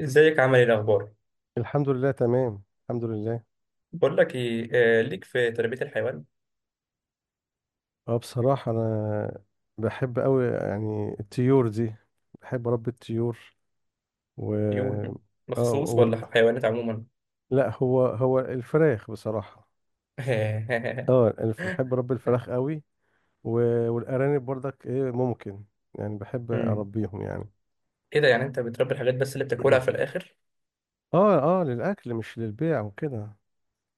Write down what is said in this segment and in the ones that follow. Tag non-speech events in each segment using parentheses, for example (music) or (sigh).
ازيك؟ عامل ايه؟ الاخبار؟ الحمد لله، تمام، الحمد لله. بقول لك ايه، ليك في تربية الحيوان؟ اه بصراحة أنا بحب أوي يعني الطيور دي، بحب أربي الطيور. و طيور اه مخصوص وال- ولا حيوانات عموما؟ لا، هو هو الفراخ بصراحة. بحب أربي (laughs) الفراخ أوي. والأرانب برضك إيه ممكن يعني بحب مم. أربيهم يعني. ايه ده؟ يعني انت بتربي الحاجات بس اللي بتاكلها في (clears throat) الاخر؟ اه للأكل مش للبيع وكده،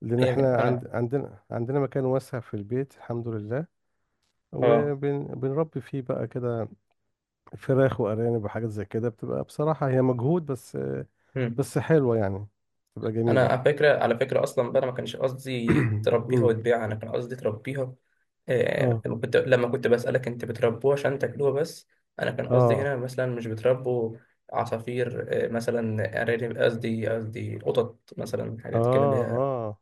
لأن احنا يعني عند انا عندنا عندنا مكان واسع في البيت، الحمد لله، اه. وبنربي فيه بقى كده فراخ وارانب وحاجات زي كده، بتبقى بصراحه هي مجهود، بس مم. بس حلوه يعني، بتبقى انا جميله. على فكره اصلا بقى، أنا ما كانش قصدي (clears throat) تربيها امم وتبيعها، انا كان قصدي تربيها. اه لما كنت بسألك انت بتربوه عشان تاكلوه بس، انا كان قصدي اه هنا مثلا مش بتربوا عصافير، مثلا ارانب، قصدي قطط، مثلا حاجات كده اللي اه هي. اه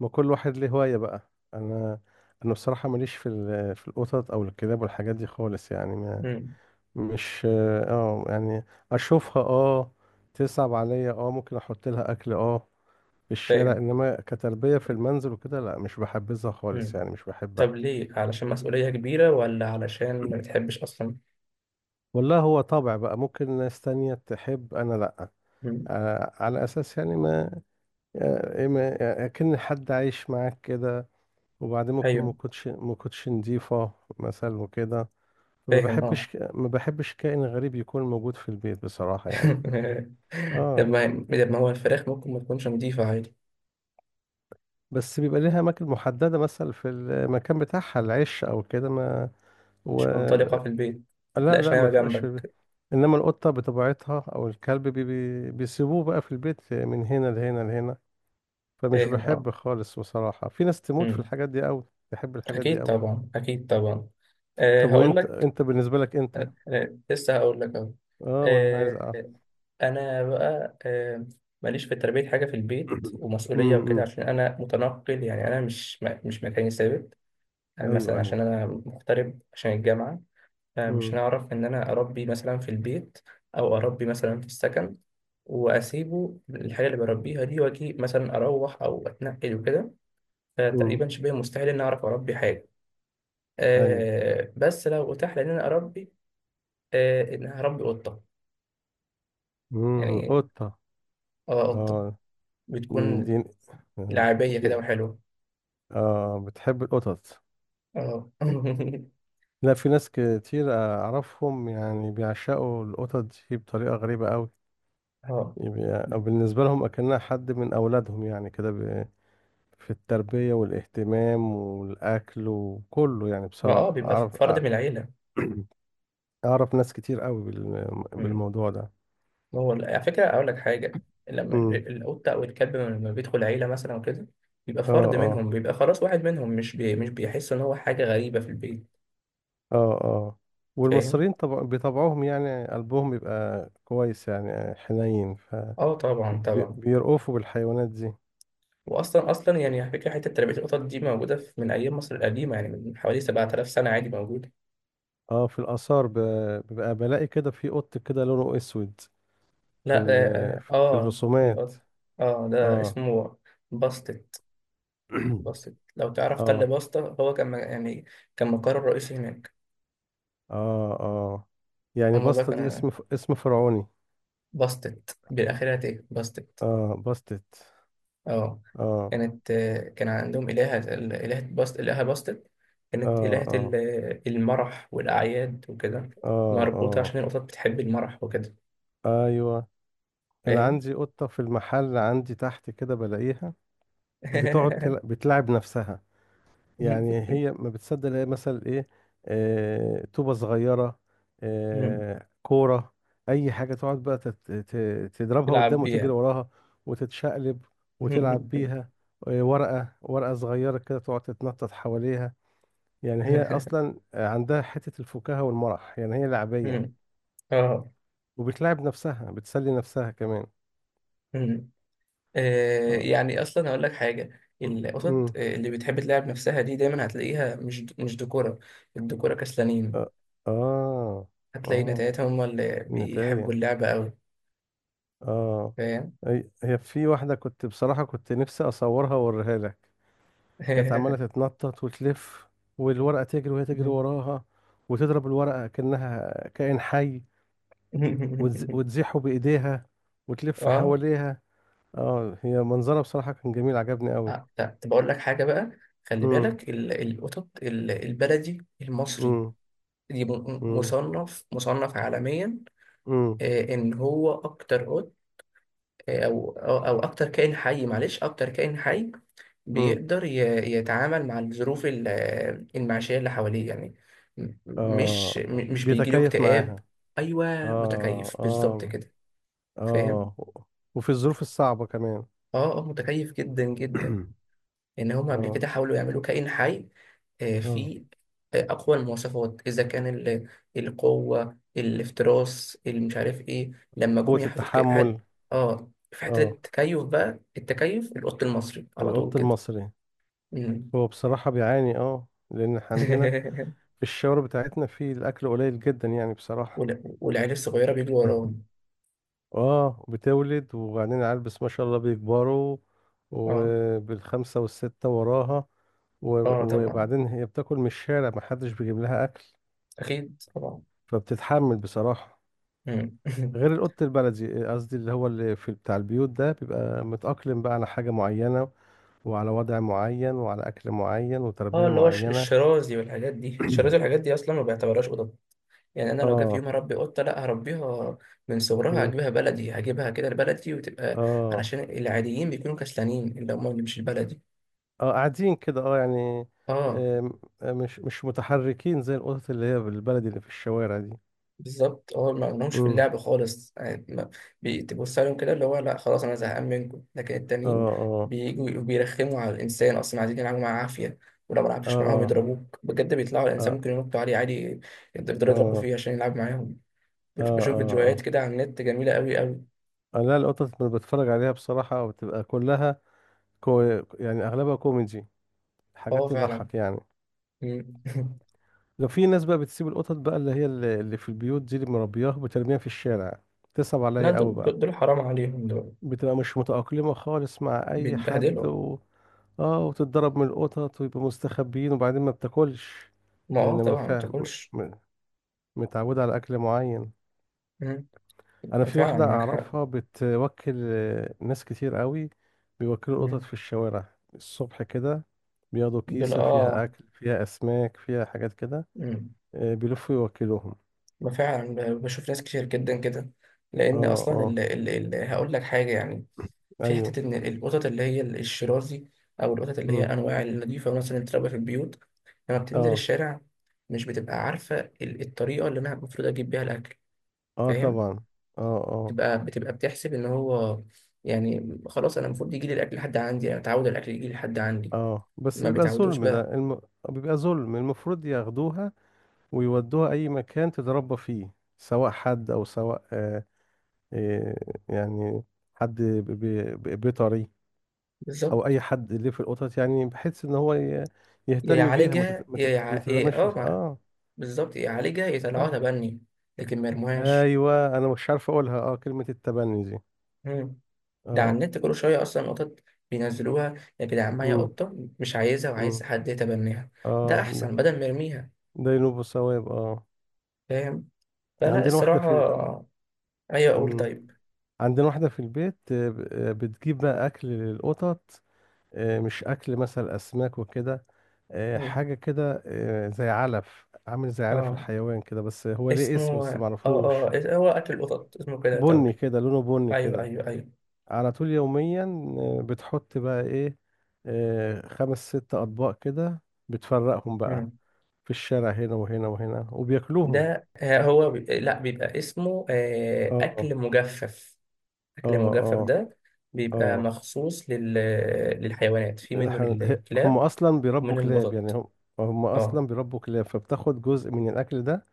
ما كل واحد ليه هوايه بقى. انا انا بصراحه ماليش في في القطط او الكلاب والحاجات دي خالص يعني، ما مم، مش، اه يعني اشوفها تصعب عليا، ممكن احط لها اكل في الشارع، فاهم. انما كتربيه في المنزل وكده لا، مش بحبذها خالص مم. يعني، مش طب بحبها. ليه؟ علشان مسؤولية كبيرة ولا علشان ما بتحبش اصلا؟ والله هو طبع بقى، ممكن ناس تانية تحب، أنا لأ. مم. على أساس يعني ما، أكن حد عايش معاك كده، وبعدين ممكن ايوه. ما كنتش نضيفة مثلا وكده، فما فاهم اه. بحبش ما بحبش كائن غريب يكون موجود في البيت بصراحة يعني. (laughs) طب اه، ما طب ما هو الفراخ ممكن ما تكونش نظيفة عادي. بس بيبقى ليها أماكن محددة مثلا، في المكان بتاعها العش أو كده ما و... مش منطلقة في البيت؟ لا متلاقيش لا، نايمة ما تبقاش في البيت. جنبك؟ إنما القطة بطبيعتها أو الكلب بيسيبوه بقى في البيت من هنا لهنا لهنا، فمش فاهم اه. بحب خالص بصراحة. في ناس تموت في أمم. الحاجات دي قوي، تحب الحاجات دي أكيد قوي. طبعا، أكيد طبعا. أه طب هقول وانت، لك. بالنسبة لك انت؟ لسه هقول لك أهو. اه ما انا أه. عايز اعرف. أنا بقى، ماليش في تربية حاجة في البيت (coughs) (clears throat) ومسؤولية وكده، امم عشان أنا متنقل. يعني أنا مش مكاني ثابت. أنا ايوه، مثلا ايوه. عشان أنا مغترب عشان الجامعة، فمش امم هنعرف إن أنا أربي مثلا في البيت أو أربي مثلا في السكن وأسيبه الحاجة اللي بربيها دي، وأجي مثلا أروح أو أتنقل وكده. امم فتقريبا شبه مستحيل إني أعرف أربي حاجة. ايوه. آه، بس لو أتاح لي إن أنا أربي، آه، إن هربي قطة يعني. قطة، آه، قطة اه. دي. بتكون آه، لعبية دي كده وحلوة. اه، بتحب القطط. آه. (laughs) لا، في ناس كتير اعرفهم يعني بيعشقوا القطط دي بطريقة غريبة قوي، آه. يبقى بالنسبة لهم اكنها حد من اولادهم يعني كده، في التربية والاهتمام والأكل وكله، يعني ما اه، بصراحة بيبقى أعرف، فرد من العيلة. ناس كتير قوي مم. بالموضوع ده. هو على فكرة أقول لك حاجة، لما امم القطة أو الكلب لما بيدخل عيلة مثلا وكده بيبقى اه فرد اه منهم، بيبقى خلاص واحد منهم، مش مش بيحس إن هو حاجة غريبة في البيت. اه اه فاهم؟ والمصريين طبع بطبعهم يعني، قلبهم بيبقى كويس يعني، حنين، اه طبعا، طبعا. فبيرأفوا بالحيوانات دي. واصلا اصلا يعني على فكره، حته تربيه القطط دي موجوده في من ايام مصر القديمه، يعني من حوالي 7000 سنه عادي موجوده. اه، في الآثار بيبقى بلاقي كده في قط كده لونه أسود، في لا اه اه. في آه، الرسومات. القط، اه ده اه. اسمه باستت. (clears throat) باستت لو تعرف، تل اه باستا هو كان، م- يعني كان مقر رئيسي هناك. اه اه يعني هما بقى بسطة دي كانوا، اسم اسم فرعوني. باستت بالاخره، ايه باستت؟ اه، باستت. اه. اه كانت، آه، كان عندهم الهه، الهه باست، الهه باستت. كانت اه الهه اه المرح والاعياد وكده، مربوطه اه عشان القطط بتحب المرح وكده. اه ايوه. انا فاهم؟ عندي قطه في المحل عندي تحت كده بلاقيها (laughs) بتلعب نفسها. يعني هي ما بتصدق، هي مثلا ايه؟ طوبه صغيره، كوره، اي حاجه تقعد بقى تضربها تلعب قدام وتجري بيها. وراها، وتتشقلب وتلعب بيها. ورقه، ورقه صغيره كده تقعد تتنطط حواليها. يعني هي (laughs) اصلا عندها حته الفكاهه والمرح يعني، هي لعبيه، اه. وبتلاعب نفسها، بتسلي نفسها كمان. مم. آه، اه يعني اصلا هقول لك حاجه، القطط، امم آه، اللي بتحب تلعب نفسها دي دايما هتلاقيها مش دكوره. الدكوره كسلانين. اه اه هتلاقي آه. نتايتهم هم اللي بيحبوا نتاية، اللعبه قوي. اه. فاهم. هي في واحدة، كنت بصراحة كنت نفسي أصورها وأوريها لك. كانت عمالة (laughs) تتنطط وتلف، والورقة تجري وهي تجري وراها، وتضرب الورقة كأنها كائن حي، وتزيحه بإيديها وتلف اه. حواليها. اه، هي منظرها بصراحة كان جميل، عجبني قوي. آه، لا طب اقول لك حاجه بقى، خلي امم بالك القطط البلدي المصري امم دي، م- مصنف عالميا، امم آه، ان هو اكتر قط، آه، او او أو اكتر كائن حي، معلش اكتر كائن حي امم. بيقدر، ي- يتعامل مع الظروف، المعيشية اللي حواليه يعني. اه، مش بيجيله بيتكيف اكتئاب. معاها. ايوه، اه متكيف بالظبط اه كده، فاهم. اه، وفي الظروف الصعبة كمان. اه اه، متكيف جدا جدا. (clears throat) إن هم قبل اه كده حاولوا يعملوا كائن حي، آه، اه فيه، آه، أقوى المواصفات، إذا كان القوة، الافتراس، اللي مش عارف إيه، لما جم قوة يحطوا، التحمل. آه، في حتة اه، التكيف بقى، التكيف القط المصري على طول القط كده. المصري مم. هو بصراحة بيعاني، اه، لأن إحنا عندنا (laughs) في الشوارع بتاعتنا في الأكل قليل جدا يعني بصراحة. والعيال الصغيرة بيجوا (clears throat) وراهم. اه، بتولد وبعدين العيال بس ما شاء الله بيكبروا، آه. وبالخمسة والستة وراها. آه و- طبعا. وبعدين هي بتاكل من الشارع، محدش بيجيب لها أكل، أكيد طبعا. فبتتحمل بصراحة. مم. غير (laughs) القط البلدي، قصدي اللي هو اللي في بتاع البيوت ده، بيبقى متأقلم بقى على حاجة معينة، وعلى وضع معين، وعلى أكل معين آه، وتربية اللي هو معينة. الشرازي والحاجات دي، الشرازي (clears throat) والحاجات دي أصلا ما بيعتبرهاش قطط. يعني انا لو جه في يوم اه. هربي قطه، لا هربيها من صغرها، مم. هجيبها بلدي، هجيبها كده لبلدي وتبقى، اه علشان العاديين بيكونوا كسلانين، اللي هم اللي مش البلدي. اه قاعدين كده اه يعني. اه، آم، آه، مش مش متحركين زي القطط اللي هي بالبلدي اللي في الشوارع دي. بالظبط. اه ما لهمش في مم. اللعب خالص يعني، بتبص عليهم كده اللي هو، لا خلاص انا زهقان منكم. لكن اه التانيين اه بيجوا بيرخموا على الانسان، اصلا عايزين يلعبوا معاه عافيه، ولو ما لعبتش معاهم اه يضربوك بجد، بيطلعوا على الانسان، اه ممكن ينطوا عليه عادي، يقدروا يضربوا اه فيه عشان يلعب معاهم. اه بشوف فيديوهات اه كده على النت جميله قوي قوي. اه لا، القطط اللي بتفرج عليها بصراحة بتبقى كلها، كو يعني أغلبها كوميدي، اه حاجات فعلا. تضحك يعني. مم. (laughs) لو في ناس بقى بتسيب القطط بقى اللي هي اللي في البيوت دي اللي مربياها وبترميها في الشارع، تصعب لا عليا قوي بقى. دول حرام عليهم. دول بتبقى مش متأقلمة خالص مع أي حد بيتبهدلوا. اه، وتتضرب من القطط ويبقوا مستخبيين، وبعدين ما بتاكلش ما اه لأن ما طبعا ما فاهم بتاكلش. متعودة على أكل معين. مم. أنا في فعلا واحدة معاك حق. أعرفها بتوكل ناس كتير قوي، بيوكلوا القطط مم. في الشوارع الصبح كده، بياخدوا دول كيسة فيها اه. أكل، فيها أسماك، فيها حاجات كده، مم. بيلفوا يوكلوهم. ما فعلا، بشوف ناس كتير جدا كده. اه لان اصلا، ال اه ال ال هقول لك حاجه يعني، في ايوه. حته ان القطط اللي هي الشرازي او القطط اللي هي امم انواع النظيفه مثلا، اللي بتتربى في البيوت، لما بتنزل اه الشارع مش بتبقى عارفه الطريقه اللي انا المفروض اجيب بيها الاكل. اه فاهم؟ طبعا. اه اه بتبقى بتحسب ان هو، يعني خلاص انا المفروض يجي لي الاكل لحد عندي، انا متعود الاكل يجي لي لحد عندي. اه، بس ما بيبقى بيتعودوش ظلم بقى. ده، بيبقى ظلم، المفروض ياخدوها ويودوها اي مكان تتربى فيه، سواء حد او سواء، آه يعني، حد ب... ب... ب- بيطري، او بالظبط، اي حد اللي في القطط يعني، بحيث ان هو يا يهتم بيها ما يعالجها يا يع... إيه تترماش اه ما... اه. بالظبط، يا يعالجها يا يطلعوها اه تبني، لكن ما يرموهاش. ايوه، انا مش عارف اقولها اه كلمة التبني دي. مم. ده على اه النت كل شويه اصلا قطط بينزلوها: يا جدعان معايا امم قطه مش عايزها، وعايز امم حد يتبناها. ده اه ده، احسن بدل ما يرميها. ده ينوب الثواب اه. فاهم. فلا عندنا واحدة الصراحه. في، ايوه، اقول أم، طيب. عندنا واحدة في البيت، بتجيب بقى أكل للقطط، مش أكل مثلا أسماك وكده، مم. حاجة كده، زي علف، عامل زي علف اه، الحيوان كده، بس هو ليه اسمه، اسم بس اه اه، معرفوش، هو اكل القطط اسمه كده بني يعتبر. كده، لونه بني ايوه كده، ايوه ايوه. على طول يوميا. بتحط بقى إيه؟ خمس ست أطباق كده، بتفرقهم بقى مم. في الشارع هنا وهنا وهنا وبياكلوهم. ده، آه، هو لا، بيبقى اسمه، آه، اه اكل مجفف. اه اكل مجفف اه ده بيبقى اه مخصوص للحيوانات. في منه إحنا- هي- هم للكلاب اصلا بيربوا ومنه كلاب، يعني للقطط. هم اه اصلا بيربوا كلاب، فبتاخد جزء من الاكل ده،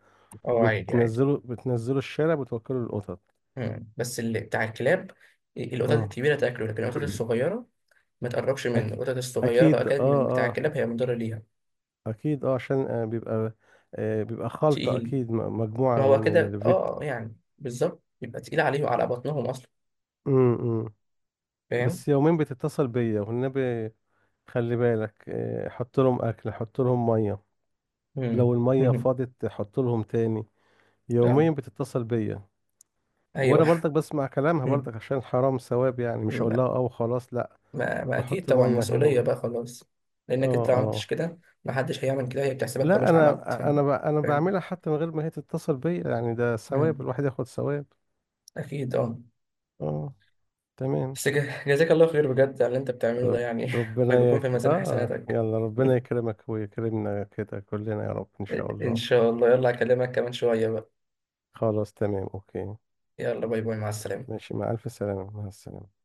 اه، عادي عادي. وبتنزله الشارع، بتوكله للقطط. مم. بس اللي بتاع الكلاب، القطط اه. الكبيره تاكله، لكن القطط (clears throat) الصغيره ما تقربش منه. أك... القطط الصغيره لو اكيد اه. اكلت من بتاع اه الكلاب هي مضره ليها، اكيد اه، عشان بيبقى بيبقى خلطة تقيل. اكيد، ما مجموعة هو من كده الفيت. اه، آه، يعني بالظبط، يبقى تقيل عليه وعلى بطنهم اصلا. م- م. فاهم. بس يومين بتتصل بيا والنبي، خلي بالك آه، حط لهم اكل، حط لهم مية، لو مم. المية (laughs) فاضت حط لهم تاني، يوميا اه. بتتصل بيا، وانا ايوه. برضك بسمع كلامها برضك (laughs) عشان حرام، ثواب يعني، مش هقول ما, لها اه وخلاص لا، ما, ما اكيد بحط طبعا، ميه هنا مسؤوليه بقى خلاص. لانك اه. انت لو عملتش كده، ما حدش هيعمل كده. هي بتحسبك لا خلاص انا، عملت، فاهم. انا فاهم؟ بعملها حتى من غير ما هي تتصل بيا، يعني ده ثواب، امم. الواحد ياخد ثواب. اكيد اه. اه، تمام. بس جزاك الله خير بجد على اللي انت بتعمله ده رب يعني، (laughs) ربنا ويكون في يك... ميزان اه حسناتك. يلا، ربنا يكرمك ويكرمنا كده كلنا يا رب، ان شاء (laughs) ان الله. شاء الله، يلا اكلمك كمان شويه بقى. خلاص، تمام، اوكي، يلا، باي باي، مع السلامه. ماشي، مع الف سلامة، مع السلامة.